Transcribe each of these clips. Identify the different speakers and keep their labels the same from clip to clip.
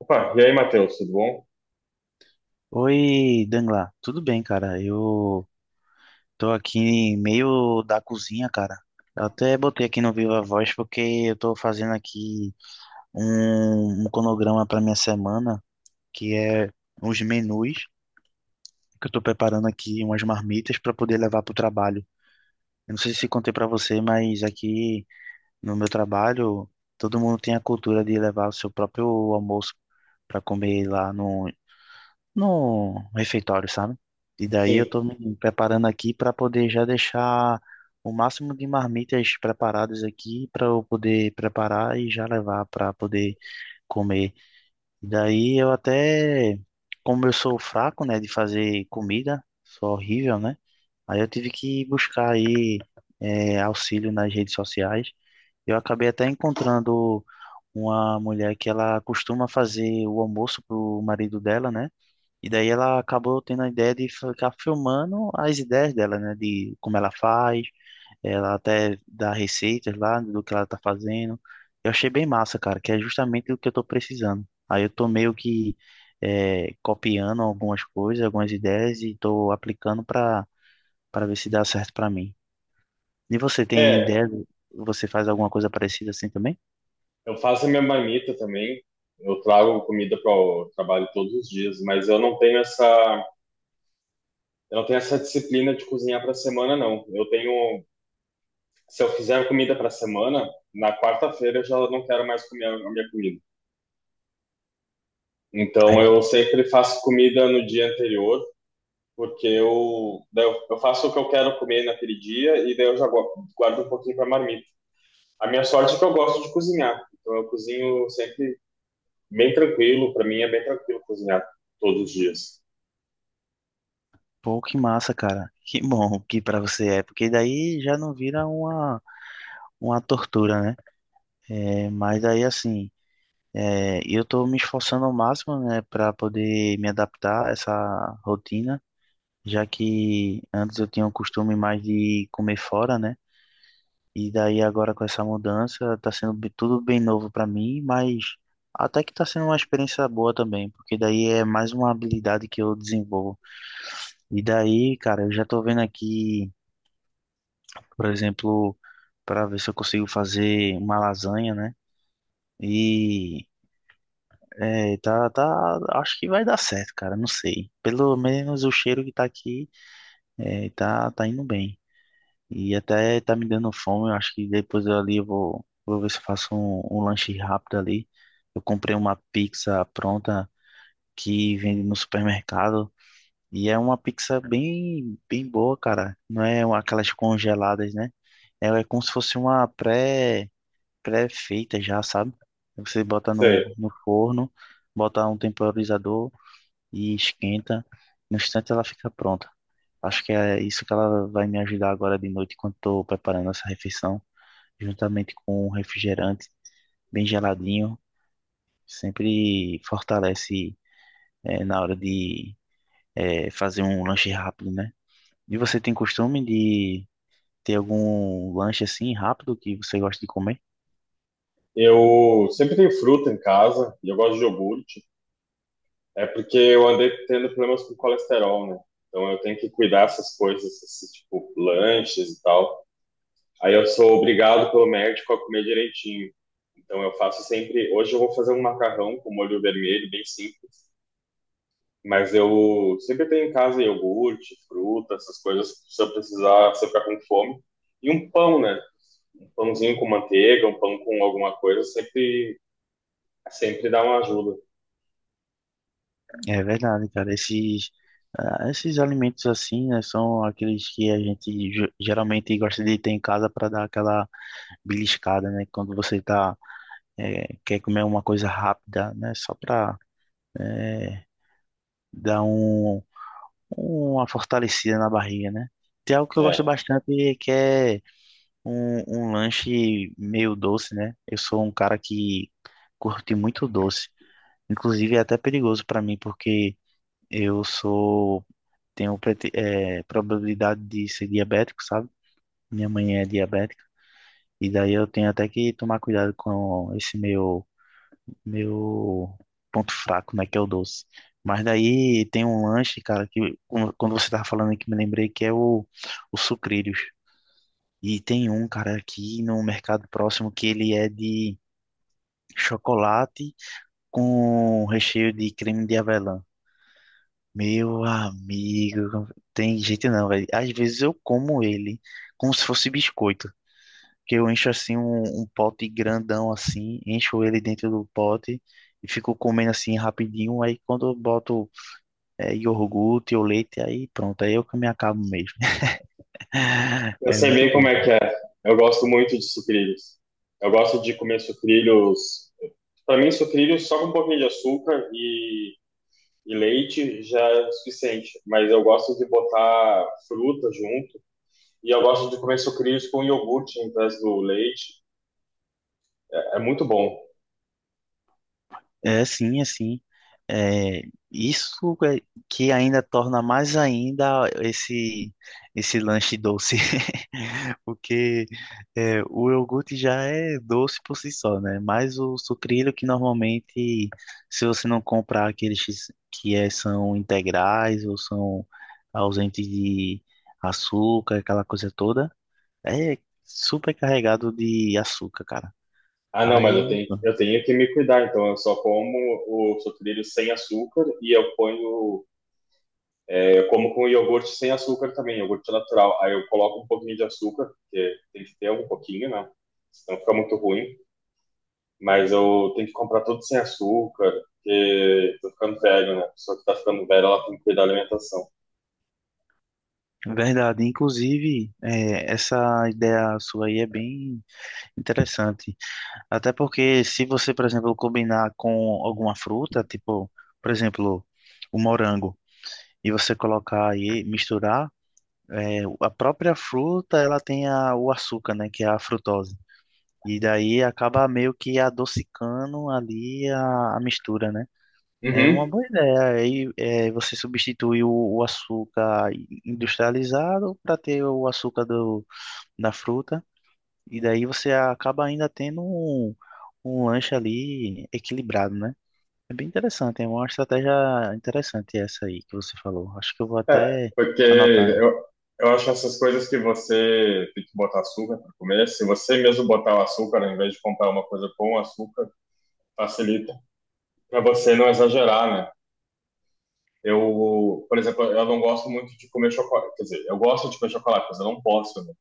Speaker 1: Opa, e aí, Matheus, tudo bom?
Speaker 2: Oi, Dangla, tudo bem, cara? Eu tô aqui meio da cozinha, cara. Eu até botei aqui no Viva Voz porque eu tô fazendo aqui um cronograma para minha semana, que é uns menus que eu tô preparando aqui, umas marmitas para poder levar pro trabalho. Eu não sei se contei para você, mas aqui no meu trabalho todo mundo tem a cultura de levar o seu próprio almoço para comer lá no refeitório, sabe? E daí eu
Speaker 1: Sim.
Speaker 2: tô me preparando aqui para poder já deixar o máximo de marmitas preparadas aqui para eu poder preparar e já levar para poder comer. E daí eu até, como eu sou fraco, né, de fazer comida, sou horrível, né? Aí eu tive que buscar aí auxílio nas redes sociais. Eu acabei até encontrando uma mulher que ela costuma fazer o almoço pro marido dela, né? E daí ela acabou tendo a ideia de ficar filmando as ideias dela, né? De como ela faz, ela até dá receitas lá do que ela tá fazendo. Eu achei bem massa, cara, que é justamente o que eu tô precisando. Aí eu tô meio que copiando algumas coisas, algumas ideias e tô aplicando pra para ver se dá certo pra mim. E você tem
Speaker 1: É,
Speaker 2: ideia? Você faz alguma coisa parecida assim também?
Speaker 1: eu faço a minha marmita também. Eu trago comida para o trabalho todos os dias, mas eu não tenho essa disciplina de cozinhar para a semana, não. Se eu fizer comida para a semana, na quarta-feira eu já não quero mais comer a minha comida. Então eu
Speaker 2: É.
Speaker 1: sempre faço comida no dia anterior, porque daí eu faço o que eu quero comer naquele dia e daí eu já guardo um pouquinho para marmita. A minha sorte é que eu gosto de cozinhar, então eu cozinho sempre bem tranquilo, para mim é bem tranquilo cozinhar todos os dias.
Speaker 2: Pô, que massa, cara. Que bom que pra você é, porque daí já não vira uma tortura, né? É, mas aí assim, é, eu estou me esforçando ao máximo, né, para poder me adaptar a essa rotina, já que antes eu tinha o costume mais de comer fora, né? E daí agora com essa mudança tá sendo tudo bem novo para mim, mas até que tá sendo uma experiência boa também, porque daí é mais uma habilidade que eu desenvolvo. E daí, cara, eu já tô vendo aqui, por exemplo, para ver se eu consigo fazer uma lasanha, né? e É, e tá, acho que vai dar certo, cara, não sei. Pelo menos o cheiro que tá aqui, tá indo bem. E até tá me dando fome, eu acho que depois eu ali eu vou ver se eu faço um lanche rápido ali. Eu comprei uma pizza pronta que vende no supermercado e é uma pizza bem boa, cara. Não é uma- aquelas congeladas, né? Ela é como se fosse uma pré-feita já, sabe? Você bota
Speaker 1: Sei.
Speaker 2: no forno, bota um temporizador e esquenta. No instante ela fica pronta. Acho que é isso que ela vai me ajudar agora de noite, quando estou preparando essa refeição, juntamente com um refrigerante bem geladinho. Sempre fortalece, na hora de, fazer um lanche rápido, né? E você tem costume de ter algum lanche assim rápido que você gosta de comer?
Speaker 1: Eu sempre tenho fruta em casa e eu gosto de iogurte. É porque eu andei tendo problemas com colesterol, né? Então eu tenho que cuidar dessas coisas, esses, tipo lanches e tal. Aí eu sou obrigado pelo médico a comer direitinho. Então eu faço sempre. Hoje eu vou fazer um macarrão com molho vermelho, bem simples. Mas eu sempre tenho em casa iogurte, fruta, essas coisas, se eu precisar, se eu ficar com fome. E um pão, né? Pãozinho com manteiga, um pão com alguma coisa, sempre, sempre dá uma ajuda.
Speaker 2: É verdade, cara. Esses, ah, esses alimentos assim, né, são aqueles que a gente geralmente gosta de ter em casa para dar aquela beliscada, né? Quando você tá, é, quer comer uma coisa rápida, né? Só para dar uma fortalecida na barriga, né? Tem algo que eu
Speaker 1: É.
Speaker 2: gosto bastante que é um lanche meio doce, né? Eu sou um cara que curte muito doce. Inclusive é até perigoso para mim porque eu sou tenho probabilidade de ser diabético, sabe? Minha mãe é diabética. E daí eu tenho até que tomar cuidado com esse meu ponto fraco, né, que é o doce. Mas daí tem um lanche, cara, que quando você tava falando aqui, me lembrei que é o Sucrilhos. E tem um, cara, aqui no mercado próximo que ele é de chocolate com recheio de creme de avelã. Meu amigo, tem jeito não, velho. Às vezes eu como ele como se fosse biscoito. Que eu encho assim um pote grandão assim, encho ele dentro do pote e fico comendo assim rapidinho. Aí quando eu boto iogurte ou leite, aí pronto, aí eu que me acabo mesmo.
Speaker 1: Eu
Speaker 2: É
Speaker 1: sei
Speaker 2: muito
Speaker 1: bem como
Speaker 2: bom.
Speaker 1: é que é. Eu gosto muito de sucrilhos. Eu gosto de comer sucrilhos. Para mim, sucrilhos só com um pouquinho de açúcar e leite já é o suficiente. Mas eu gosto de botar fruta junto. E eu gosto de comer sucrilhos com iogurte em vez do leite. É muito bom.
Speaker 2: É sim, é sim. É, isso é que ainda torna mais ainda esse lanche doce, porque é, o iogurte já é doce por si só, né? Mas o sucrilho que normalmente, se você não comprar aqueles que é, são integrais ou são ausentes de açúcar, aquela coisa toda, é super carregado de açúcar, cara.
Speaker 1: Ah, não, mas
Speaker 2: Aí
Speaker 1: eu tenho que me cuidar. Então, eu só como o sucrilho sem açúcar e eu ponho. Eu como com iogurte sem açúcar também, iogurte natural. Aí eu coloco um pouquinho de açúcar, porque tem que ter um pouquinho, né? Senão fica muito ruim. Mas eu tenho que comprar tudo sem açúcar, porque tô ficando velho, né? A pessoa que tá ficando velha, ela tem que cuidar da alimentação.
Speaker 2: verdade, inclusive, é, essa ideia sua aí é bem interessante. Até porque, se você, por exemplo, combinar com alguma fruta, tipo, por exemplo, o morango, e você colocar aí, misturar, é, a própria fruta, ela tem o açúcar, né, que é a frutose. E daí acaba meio que adocicando ali a mistura, né? É uma
Speaker 1: Uhum.
Speaker 2: boa ideia. Aí é, você substitui o açúcar industrializado para ter o açúcar do da fruta, e daí você acaba ainda tendo um lanche ali equilibrado, né? É bem interessante, é uma estratégia interessante essa aí que você falou. Acho que eu vou
Speaker 1: É,
Speaker 2: até
Speaker 1: porque
Speaker 2: anotar essa.
Speaker 1: eu, eu acho essas coisas que você tem que botar açúcar para comer. Se você mesmo botar o açúcar, ao invés de comprar uma coisa com açúcar, facilita para você não exagerar, né? Eu, por exemplo, eu não gosto muito de comer chocolate. Quer dizer, eu gosto de comer chocolate, mas eu não posso, né?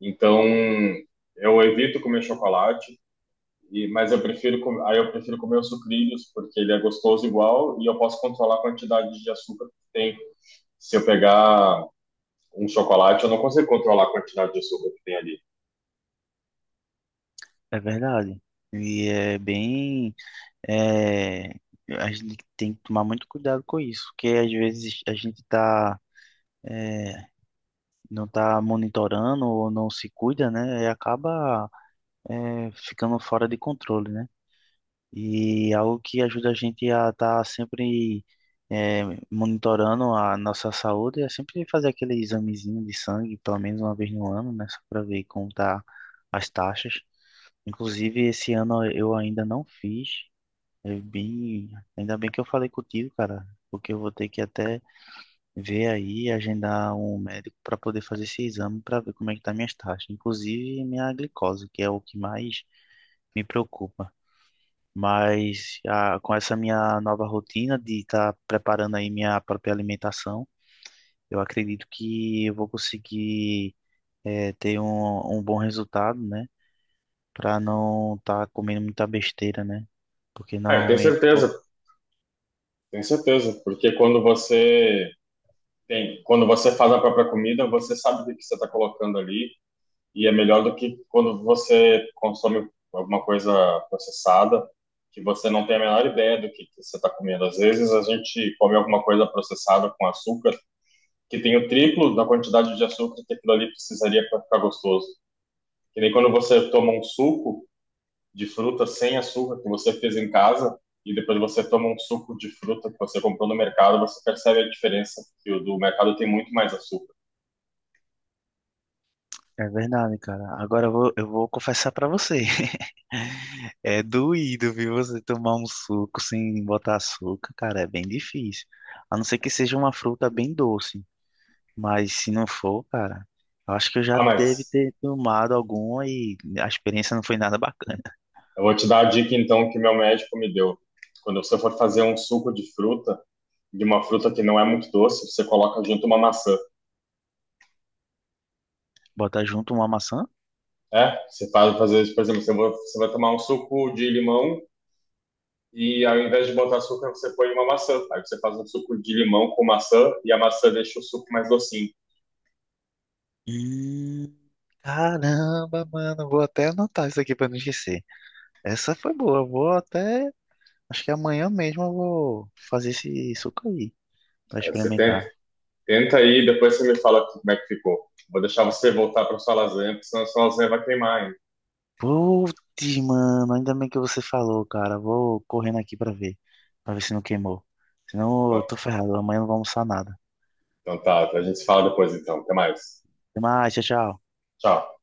Speaker 1: Então, eu evito comer chocolate, e, mas eu prefiro, aí eu prefiro comer os sucrilhos, porque ele é gostoso igual e eu posso controlar a quantidade de açúcar que tem. Se eu pegar um chocolate, eu não consigo controlar a quantidade de açúcar que tem ali.
Speaker 2: É verdade. E é bem. É, a gente tem que tomar muito cuidado com isso, porque às vezes a gente tá, é, não tá monitorando ou não se cuida, né? E acaba, é, ficando fora de controle, né? E algo que ajuda a gente a estar sempre eh, monitorando a nossa saúde é sempre fazer aquele examezinho de sangue, pelo menos uma vez no ano, né? Só para ver como tá as taxas. Inclusive, esse ano eu ainda não fiz. É bem... Ainda bem que eu falei contigo, cara, porque eu vou ter que até ver aí, agendar um médico para poder fazer esse exame para ver como é que tá minhas taxas, inclusive minha glicose, que é o que mais me preocupa. Mas ah, com essa minha nova rotina de estar preparando aí minha própria alimentação, eu acredito que eu vou conseguir ter um bom resultado, né? Para não estar comendo muita besteira, né? Porque
Speaker 1: Ah, eu
Speaker 2: normalmente pô,
Speaker 1: tenho certeza, porque quando você faz a própria comida, você sabe o que que você está colocando ali e é melhor do que quando você consome alguma coisa processada, que você não tem a menor ideia que você está comendo. Às vezes a gente come alguma coisa processada com açúcar, que tem o triplo da quantidade de açúcar que aquilo ali precisaria para ficar gostoso. Que nem quando você toma um suco de fruta sem açúcar que você fez em casa, e depois você toma um suco de fruta que você comprou no mercado, você percebe a diferença, que o do mercado tem muito mais açúcar.
Speaker 2: é verdade, cara. Agora eu eu vou confessar para você. É doído, viu? Você tomar um suco sem botar açúcar, cara, é bem difícil. A não ser que seja uma fruta bem doce. Mas se não for, cara, eu acho que eu
Speaker 1: Ah,
Speaker 2: já deve
Speaker 1: mas
Speaker 2: ter tomado alguma e a experiência não foi nada bacana.
Speaker 1: eu vou te dar a dica então que meu médico me deu. Quando você for fazer um suco de fruta, de uma fruta que não é muito doce, você coloca junto uma maçã.
Speaker 2: Botar junto uma maçã?
Speaker 1: É, você faz fazer isso, por exemplo, você vai tomar um suco de limão e ao invés de botar açúcar, você põe uma maçã. Aí você faz um suco de limão com maçã e a maçã deixa o suco mais docinho.
Speaker 2: Hum, caramba, mano, vou até anotar isso aqui pra não esquecer. Essa foi boa, eu vou até. Acho que amanhã mesmo eu vou fazer esse suco aí pra
Speaker 1: Aí
Speaker 2: experimentar.
Speaker 1: tenta aí, depois você me fala como é que ficou. Vou deixar você voltar para sua lasanha, porque senão a sua lasanha vai queimar. Hein?
Speaker 2: Putz, mano, ainda bem que você falou, cara. Vou correndo aqui pra ver se não queimou. Senão eu tô
Speaker 1: Então,
Speaker 2: ferrado, amanhã eu não vou almoçar nada.
Speaker 1: então tá, a gente se fala depois então. Até mais.
Speaker 2: Até mais, tchau, tchau.
Speaker 1: Tchau.